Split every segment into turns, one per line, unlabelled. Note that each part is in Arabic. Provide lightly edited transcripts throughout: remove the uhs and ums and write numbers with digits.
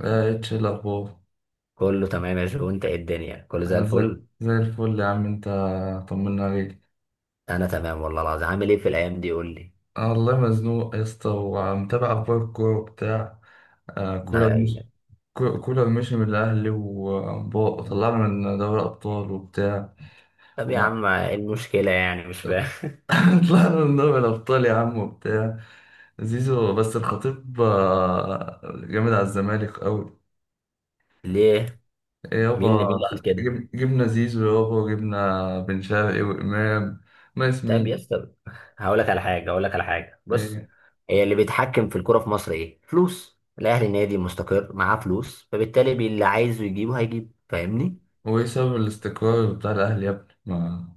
اتش، إيه الاخبار؟
كله تمام يا جو، انت ايه الدنيا؟ كله زي
انا زي
الفل.
زي الفل يا عم انت. طمنا عليك.
انا تمام والله العظيم. عامل ايه في الايام دي؟ قول لي.
انا والله مزنوق يا اسطى، ومتابع اخبار الكوره بتاع كولر،
لا
مش
يعني.
كولر مشي من الاهلي، وطلعنا من دوري الابطال وبتاع
طب يا
ومع-
عم ايه المشكله يعني؟ مش فاهم.
طلعنا من دوري الابطال يا عم، وبتاع زيزو، بس الخطيب جامد على الزمالك قوي.
ليه؟ مين اللي مين
يابا،
اللي قال كده؟
جبنا زيزو يابا، وجبنا بن شرقي وامام. ما
طب يا
اسمين.
اسطى. هقول لك على حاجه، بص. هي اللي بيتحكم في الكوره في مصر ايه؟ فلوس الاهلي. نادي مستقر معاه فلوس، فبالتالي اللي عايزه يجيبه هيجيب. فاهمني؟
وايه سبب الاستقرار بتاع الاهلي يا ابني؟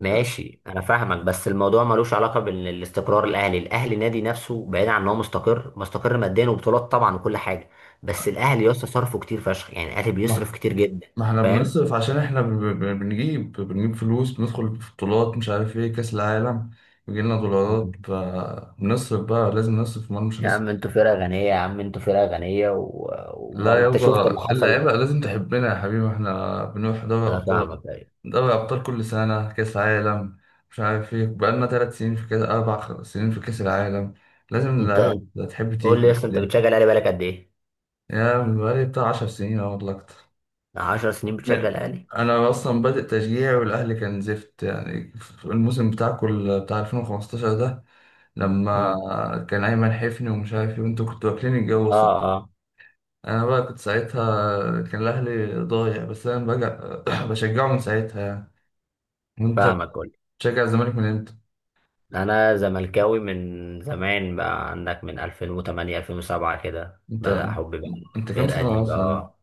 ماشي، انا فاهمك، بس الموضوع ملوش علاقه بالاستقرار الاهلي نادي نفسه بعيد عن ان هو مستقر. مستقر ماديا وبطولات طبعا وكل حاجه. بس الاهلي يا اسطى صرفه كتير فشخ، يعني الاهلي بيصرف
ما
كتير جدا.
ما احنا
فاهم.
بنصرف، عشان احنا بنجيب فلوس، بندخل في بطولات، مش عارف ايه، كاس العالم. بيجي لنا دولارات،
مم.
فبنصرف بقى. لازم نصرف، امال مش
يا عم
هنصرف؟
انتوا فرقه غنيه، يا عم انتوا فرقه غنيه و...
لا
وما انت شفت
يابا،
اللي حصل.
اللعيبه لازم تحبنا يا حبيبي. احنا بنروح دوري
انا
ابطال،
فاهمك، ايوه.
دوري ابطال كل سنه، كاس عالم. مش عارف ايه، بقالنا ثلاث سنين في كاس، اربع سنين في كاس العالم. لازم
انت
اللعيبه
انت
تحب
قول لي يا
تيجي.
اسطى، انت بتشجع الاهلي بقالك قد ايه؟
يا من؟ بقالي بتاع 10 سنين أو والله اكتر.
10 سنين
م-
بتشجع الاهلي؟
انا اصلا بادئ تشجيع، والاهلي كان زفت يعني في الموسم بتاعكم، بتاع 2015 ده.
امم.
لما كان ايمن حفني ومش عارف ايه، وانتوا كنتوا واكلين الجو
اه،
اصلا.
اه.
انا بقى كنت ساعتها، كان الاهلي ضايع، بس انا بقى بشجعه من ساعتها يعني. وانت
فاهمك.
بتشجع الزمالك من امتى؟
انا زملكاوي من زمان، بقى عندك من 2008 2007 كده
انت
بدأ حبي بقى.
انت كام
الفرقة
سنه
دي
اصلا؟
بقى.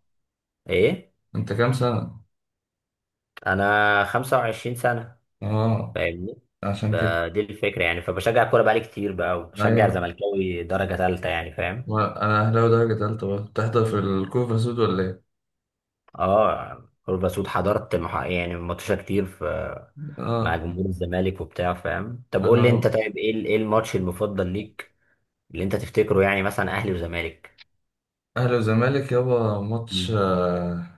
ايه؟
انت كام سنه؟
انا 25 سنة.
اه،
فاهمني.
عشان كده.
ب- دي الفكرة يعني. فبشجع الكورة بقالي كتير بقى، وبشجع
ايوه،
زملكاوي درجة ثالثة يعني. فاهم؟
ما انا اهلاوي درجه تالته بقى، بتحضر في الكوفه سود ولا ايه؟
اه، كورة بسود حضرت يعني ماتشات كتير في مع
اه.
جمهور الزمالك وبتاع. فاهم؟ طب قول لي انت،
انا،
طيب ايه ايه الماتش المفضل ليك؟ اللي انت تفتكره يعني، مثلا اهلي وزمالك؟
اهلي وزمالك يابا ماتش،
مم.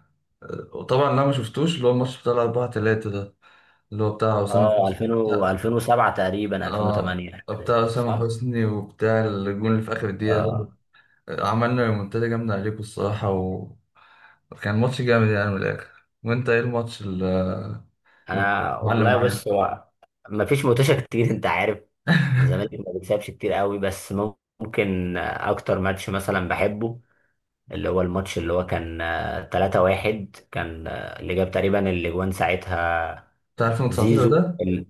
وطبعا انا ما شفتوش اللي هو الماتش بتاع الأربعة تلاتة ده، اللي هو بتاع أسامة
اه،
حسني
2000 و
بتاع.
2007 تقريبا
اه،
2008.
بتاع أسامة
صح؟
حسني وبتاع الجون اللي في آخر الدقيقة ده.
اه.
عملنا ريمونتادا جامدة عليكم الصراحة، وكان ماتش جامد يعني من الآخر. وأنت إيه الماتش
انا
المعلم
والله
معلم؟
بص هو ما فيش متوشة كتير انت عارف، الزمالك ما بيكسبش كتير قوي. بس ممكن اكتر ماتش مثلا بحبه، اللي هو الماتش اللي هو كان 3-1. كان اللي جاب تقريبا اللي جوان ساعتها
بتاع 2019
زيزو
ده.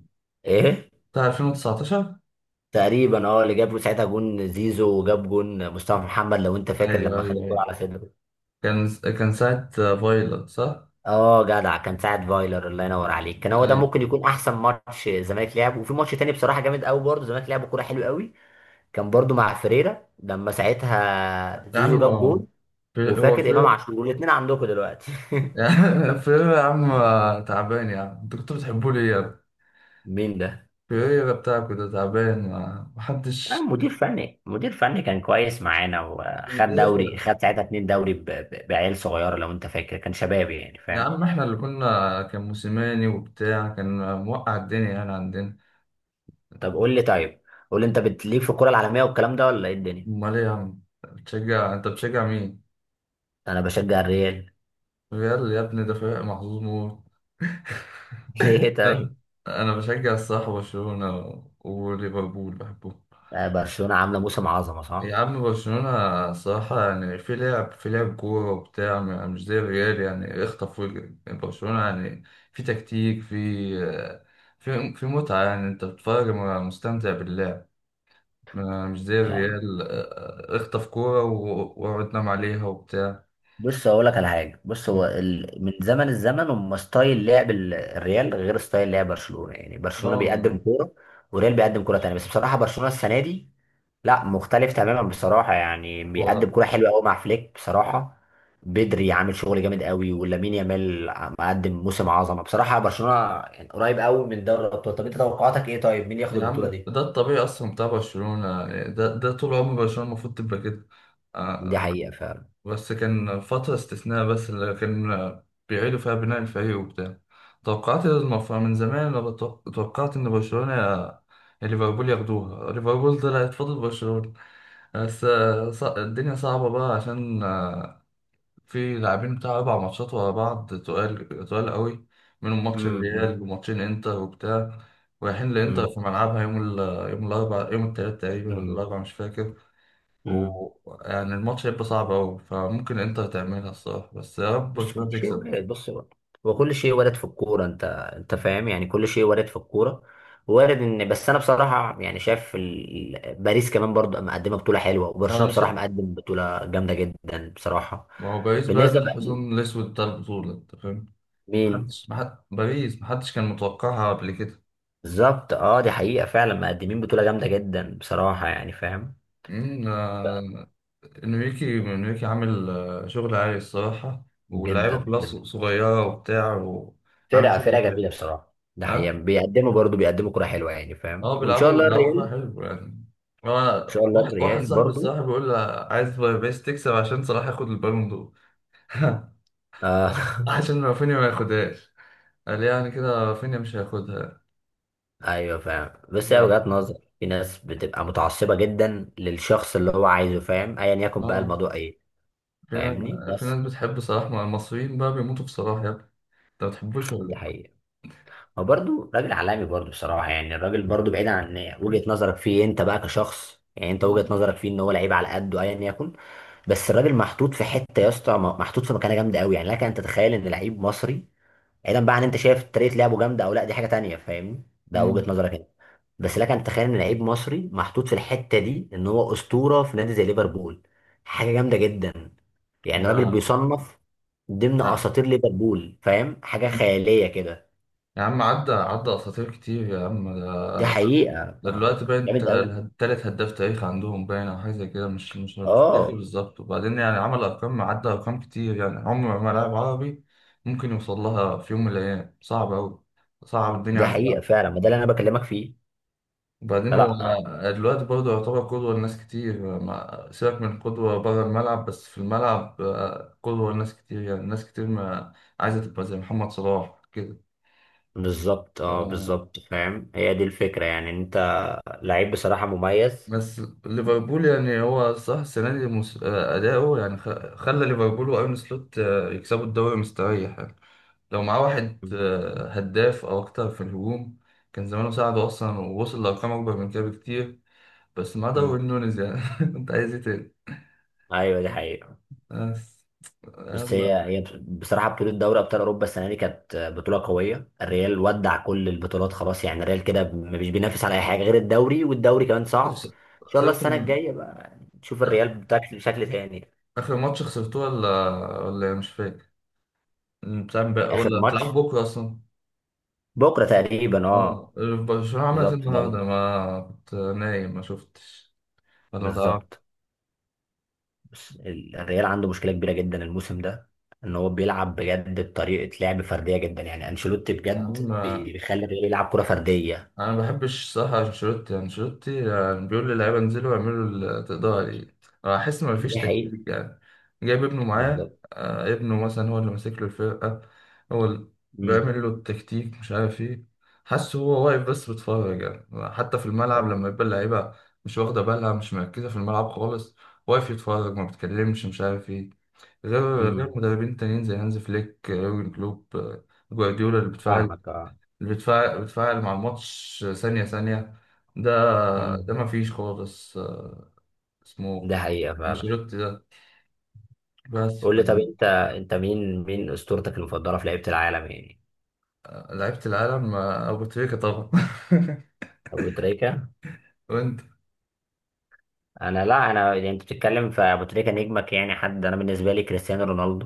ايه،
بتاع 2019.
تقريبا اه اللي جاب ساعتها جون زيزو، وجاب جون مصطفى محمد، لو انت فاكر
أيوه
لما خد
أيوه
الكورة
أيوه.
على صدره.
كان ساعة فايلر صح؟
اه جدع، كان ساعد فايلر. الله ينور عليك. كان هو ده
أيوه
ممكن يكون احسن ماتش الزمالك لعبه. وفي ماتش تاني بصراحه جامد قوي برضه الزمالك لعبه كوره حلوه قوي. كان برضه مع فريرة، لما ساعتها
يا عم.
زيزو جاب
هو
جول.
هو
وفاكر امام عاشور الاثنين عندكم دلوقتي.
يعني. في ايه يا عم؟ تعبان يا عم، انتوا كنتوا بتحبوا لي يا ابني؟
مين ده؟
في ايه يا بتاعكوا ده تعبان،
آه،
محدش
مدير فني كان كويس معانا، وخد دوري.
بيدافع.
خد ساعتها اتنين دوري بعيال صغيره، لو انت فاكر كان شباب يعني.
يا
فاهم؟
عم احنا اللي كنا، كان موسيماني وبتاع، كان موقع الدنيا يعني عندنا.
طب قول لي طيب، قول لي انت بتليك في الكره العالميه والكلام ده، ولا ايه الدنيا؟
امال ايه يا عم؟ بتشجع، انت بتشجع مين؟
انا بشجع الريال.
ريال؟ يا ابني ده فريق محظوظ موت.
ليه
انا
طيب؟
أنا بشجع الصراحة برشلونة، وليفربول بحبهم.
برشلونة عاملة موسم عظمة
يا
صح؟
عم برشلونة صراحة يعني، في لعب، في لعب كورة وبتاع، مش زي الريال يعني، اخطف واجري، يعني برشلونة يعني. في تكتيك، في متعة يعني. انت بتتفرج مستمتع باللعب. مش زي
يعني
الريال، اخطف كورة واقعد نام عليها وبتاع.
بص، أقول لك على حاجة. بص هو من زمن الزمن هم ستايل لعب الريال غير ستايل لعب برشلونة. يعني برشلونة
اه.
بيقدم كورة، والريال بيقدم كورة تانية. بس بصراحة برشلونة السنة دي لا، مختلف تماما بصراحة. يعني بيقدم
هو
كورة حلوة قوي مع فليك بصراحة. بدري عامل شغل جامد قوي، ولامين يامال مقدم موسم عظمة بصراحة. برشلونة يعني قريب قوي من دوري الأبطال. طب أنت توقعاتك إيه؟ طيب مين ياخد
يا
البطولة
عم
دي؟
ده الطبيعي اصلا بتاع برشلونة يعني، ده طول عمر برشلونة المفروض تبقى كده.
دي
آه،
حقيقة فعلا.
بس كان فترة استثناء، بس اللي كان بيعيدوا فيها بناء الفريق وبتاع. توقعت المفروض من زمان، أنا توقعت إن برشلونة، يا ليفربول ياخدوها. ليفربول طلعت فاضل برشلونة. بس الدنيا صعبة بقى، عشان في لاعبين بتاع أربع ماتشات ورا بعض، تقال تقال قوي. منهم ماتش
امم،
الريال وماتشين إنتر وبتاع. رايحين لإنتر
امم،
في ملعبها يوم الأربع، يوم التلات تقريبا ولا
امم،
الأربع، مش فاكر.
امم.
ويعني الماتش هيبقى صعب أوي، فممكن إنتر تعملها الصراحة، بس يا رب
بس
برشلونة
كل شيء
تكسب.
وارد، بص بقى. هو كل شيء وارد في الكورة انت، انت فاهم يعني. كل شيء وارد في الكورة. وارد ان بس انا بصراحة يعني شايف باريس كمان برضه مقدمة بطولة حلوة،
أه، أنا
وبرشلونة بصراحة
شايف،
مقدم بطولة جامدة جدا بصراحة.
ما هو باريس بقى ده
بالنسبة بقى.
الحصان الأسود بتاع البطولة أنت فاهم.
مين؟
باريس محدش كان متوقعها قبل كده.
بالظبط، اه، دي حقيقة فعلا، مقدمين بطولة جامدة جدا بصراحة، يعني فاهم.
أمم، آه، إنريكي عامل شغل عالي الصراحة. واللعيبة
جدا
كلها
جدا.
صغيرة وبتاع، وعامل
فرقة
شغل
فرقة
حلو.
جميلة بصراحة، ده حقيقة،
أه
بيقدموا برضه بيقدموا كرة حلوة يعني، فاهم.
أه.
وان شاء
بيلعبوا
الله
بيلعبوا كورة
الريال.
حلو يعني. أنا،
ان شاء الله
واحد
الريال
صاحبي
برضه.
الصراحة بيقول لي عايز باريس تكسب عشان صلاح ياخد البالون دور.
آه
عشان رافينيا ما ياخدهاش. قال يعني كده رافينيا مش هياخدها.
ايوه فاهم، بس هي
لا،
وجهات نظر. في ناس بتبقى متعصبه جدا للشخص اللي هو عايزه، فاهم، ايا يكن بقى
اه.
الموضوع ايه.
في
فاهمني
في
بس.
ناس بتحب صلاح، مع المصريين بقى بيموتوا في صلاح يا ابني. انت ما بتحبوش ولا
دي
ايه؟
حقيقه. هو برضه راجل عالمي برضه بصراحه، يعني الراجل برضه بعيد عن وجهه نظرك فيه. انت بقى كشخص، يعني انت وجهه
مم.
نظرك فيه ان هو لعيب على قده ايا يكن. بس الراجل محطوط في حته يا اسطى، محطوط في مكانه جامده قوي. يعني لك ان تتخيل ان لعيب مصري، بعيدا بقى عن انت شايف طريقه لعبه جامده او لا، دي حاجه تانية فاهمني، ده
مم.
وجهه نظرك انت. بس لك ان تتخيل ان لعيب مصري محطوط في الحته دي ان هو اسطوره في نادي زي ليفربول. حاجه جامده جدا. يعني راجل
لا،
بيصنف ضمن
لا.
اساطير ليفربول، فاهم، حاجه خياليه كده.
يا عم، عدى اساطير كتير يا عم. ده
دي حقيقه
ده دلوقتي باين انت
جامد قوي.
تالت هداف تاريخ عندهم، باين او حاجه زي كده، مش فاكر
اه
بالظبط. وبعدين يعني، عمل ارقام، عدى ارقام كتير، يعني عمر ما لاعب عربي ممكن يوصل لها في يوم من الايام، صعب قوي. صعب الدنيا
دي
على.
حقيقه فعلا، ما ده اللي انا بكلمك فيه.
وبعدين هو
فلا.
دلوقتي برضه يعتبر قدوة لناس كتير، ما سيبك من قدوة بره الملعب، بس في الملعب قدوة لناس كتير يعني، ناس كتير ما عايزة تبقى زي محمد صلاح كده.
بالظبط، اه
آه،
بالظبط، فاهم. هي دي الفكره يعني. انت لعيب بصراحه مميز.
بس ليفربول يعني، هو صح السنة دي أداؤه يعني خلى ليفربول وأرن سلوت يكسبوا الدوري مستريح يعني. لو معاه واحد
مم.
هداف أو أكتر في الهجوم، كان زمانه ساعده أصلا، ووصل لأرقام أكبر من كده بكتير. بس معاه
مم.
داروين نونيز يعني. أنت عايز إيه تاني؟
ايوه دي حقيقه.
بس
بس هي بصراحه بطوله دوري ابطال اوروبا السنه دي كانت بطوله قويه. الريال ودع كل البطولات خلاص يعني. الريال كده مش بينافس على اي حاجه غير الدوري، والدوري كمان صعب.
خس-
ان شاء الله
خسرتوا.
السنه الجايه بقى نشوف
آخ-
الريال بتاعك بشكل شكل تاني.
آخر ماتش خسرتوه ولا إيه؟ مش فاكر.
اخر
ولا
ماتش؟
هتلعبوا بكرة أصلا؟
بكره تقريبا،
اه.
اه.
برشلونة عملت إيه
بالظبط
النهاردة؟
دوري.
ما كنت نايم ما شفتش، ولا ما تعرفش.
بالظبط. بس الريال عنده مشكله كبيره جدا الموسم ده. ان هو بيلعب بجد بطريقه لعب فرديه جدا. يعني انشيلوتي
يا عم
بجد بيخلي الريال يلعب كره فرديه.
انا ما بحبش صح انشيلوتي يعني بيقول للعيبه انزلوا اعملوا اللي تقدروا عليه. أنا احس ما فيش
دي حقيقة.
تكتيك يعني، جايب ابنه معاه
بالظبط.
ابنه مثلا هو اللي ماسك له الفرقه، هو اللي بيعمل له التكتيك، مش عارف ايه. حاسه هو واقف بس بيتفرج يعني، حتى في الملعب لما يبقى اللعيبه مش واخده بالها، مش مركزه في الملعب خالص. واقف يتفرج، ما بيتكلمش، مش عارف ايه، غير
امم.
غير مدربين تانيين زي هانز فليك يورجن كلوب جوارديولا، اللي بتفاعل
فاهمك، اه.
بتفاعل بتفاعل مع الماتش، ثانية ثانية. ده ده
مم.
ما فيش خالص اسمه
ده حقيقة فعلا.
انشيلوتي ده، بس
قول لي طب، انت مين اسطورتك المفضلة في لعيبة العالم يعني؟
لعيبة العالم، أبو تريكة طبعا.
ابو تريكة.
وأنت؟
انا لا، انا يعني انت بتتكلم في ابو تريكة نجمك يعني. حد انا بالنسبة لي كريستيانو رونالدو،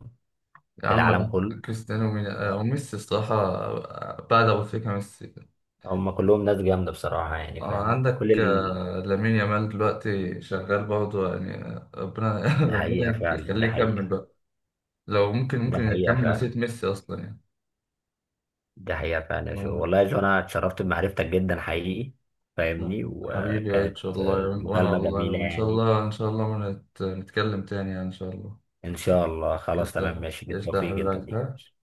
يا
في
عم
العالم
لا،
كله.
كريستيانو مين- آه،
آه،
وميسي الصراحة، بعد أبو تريكة ميسي.
هم كلهم ناس جامدة بصراحة، يعني فاهم، كل
عندك لامين يامال دلوقتي شغال برضه يعني، ربنا
ده حقيقة
ربنا
فعلا، ده
يخليه يكمل
حقيقة.
بقى. لو ممكن
ده
ممكن
حقيقة
يكمل
فعلا،
مسيرة ميسي أصلا يعني.
ده حقيقة فعلا يا جو،
آه.
والله يا جو انا اتشرفت بمعرفتك جدا حقيقي. فاهمني؟
حبيبي يا
وكانت
اتش والله، وانا
مكالمة
والله،
جميلة
وان شاء
يعني.
الله ان شاء الله ما نت- نتكلم تاني يعني ان شاء الله.
ان شاء الله.
ايش
خلاص تمام
ده،
ماشي،
ايش ده
بالتوفيق جدا
حبيبي، ها؟
ليك.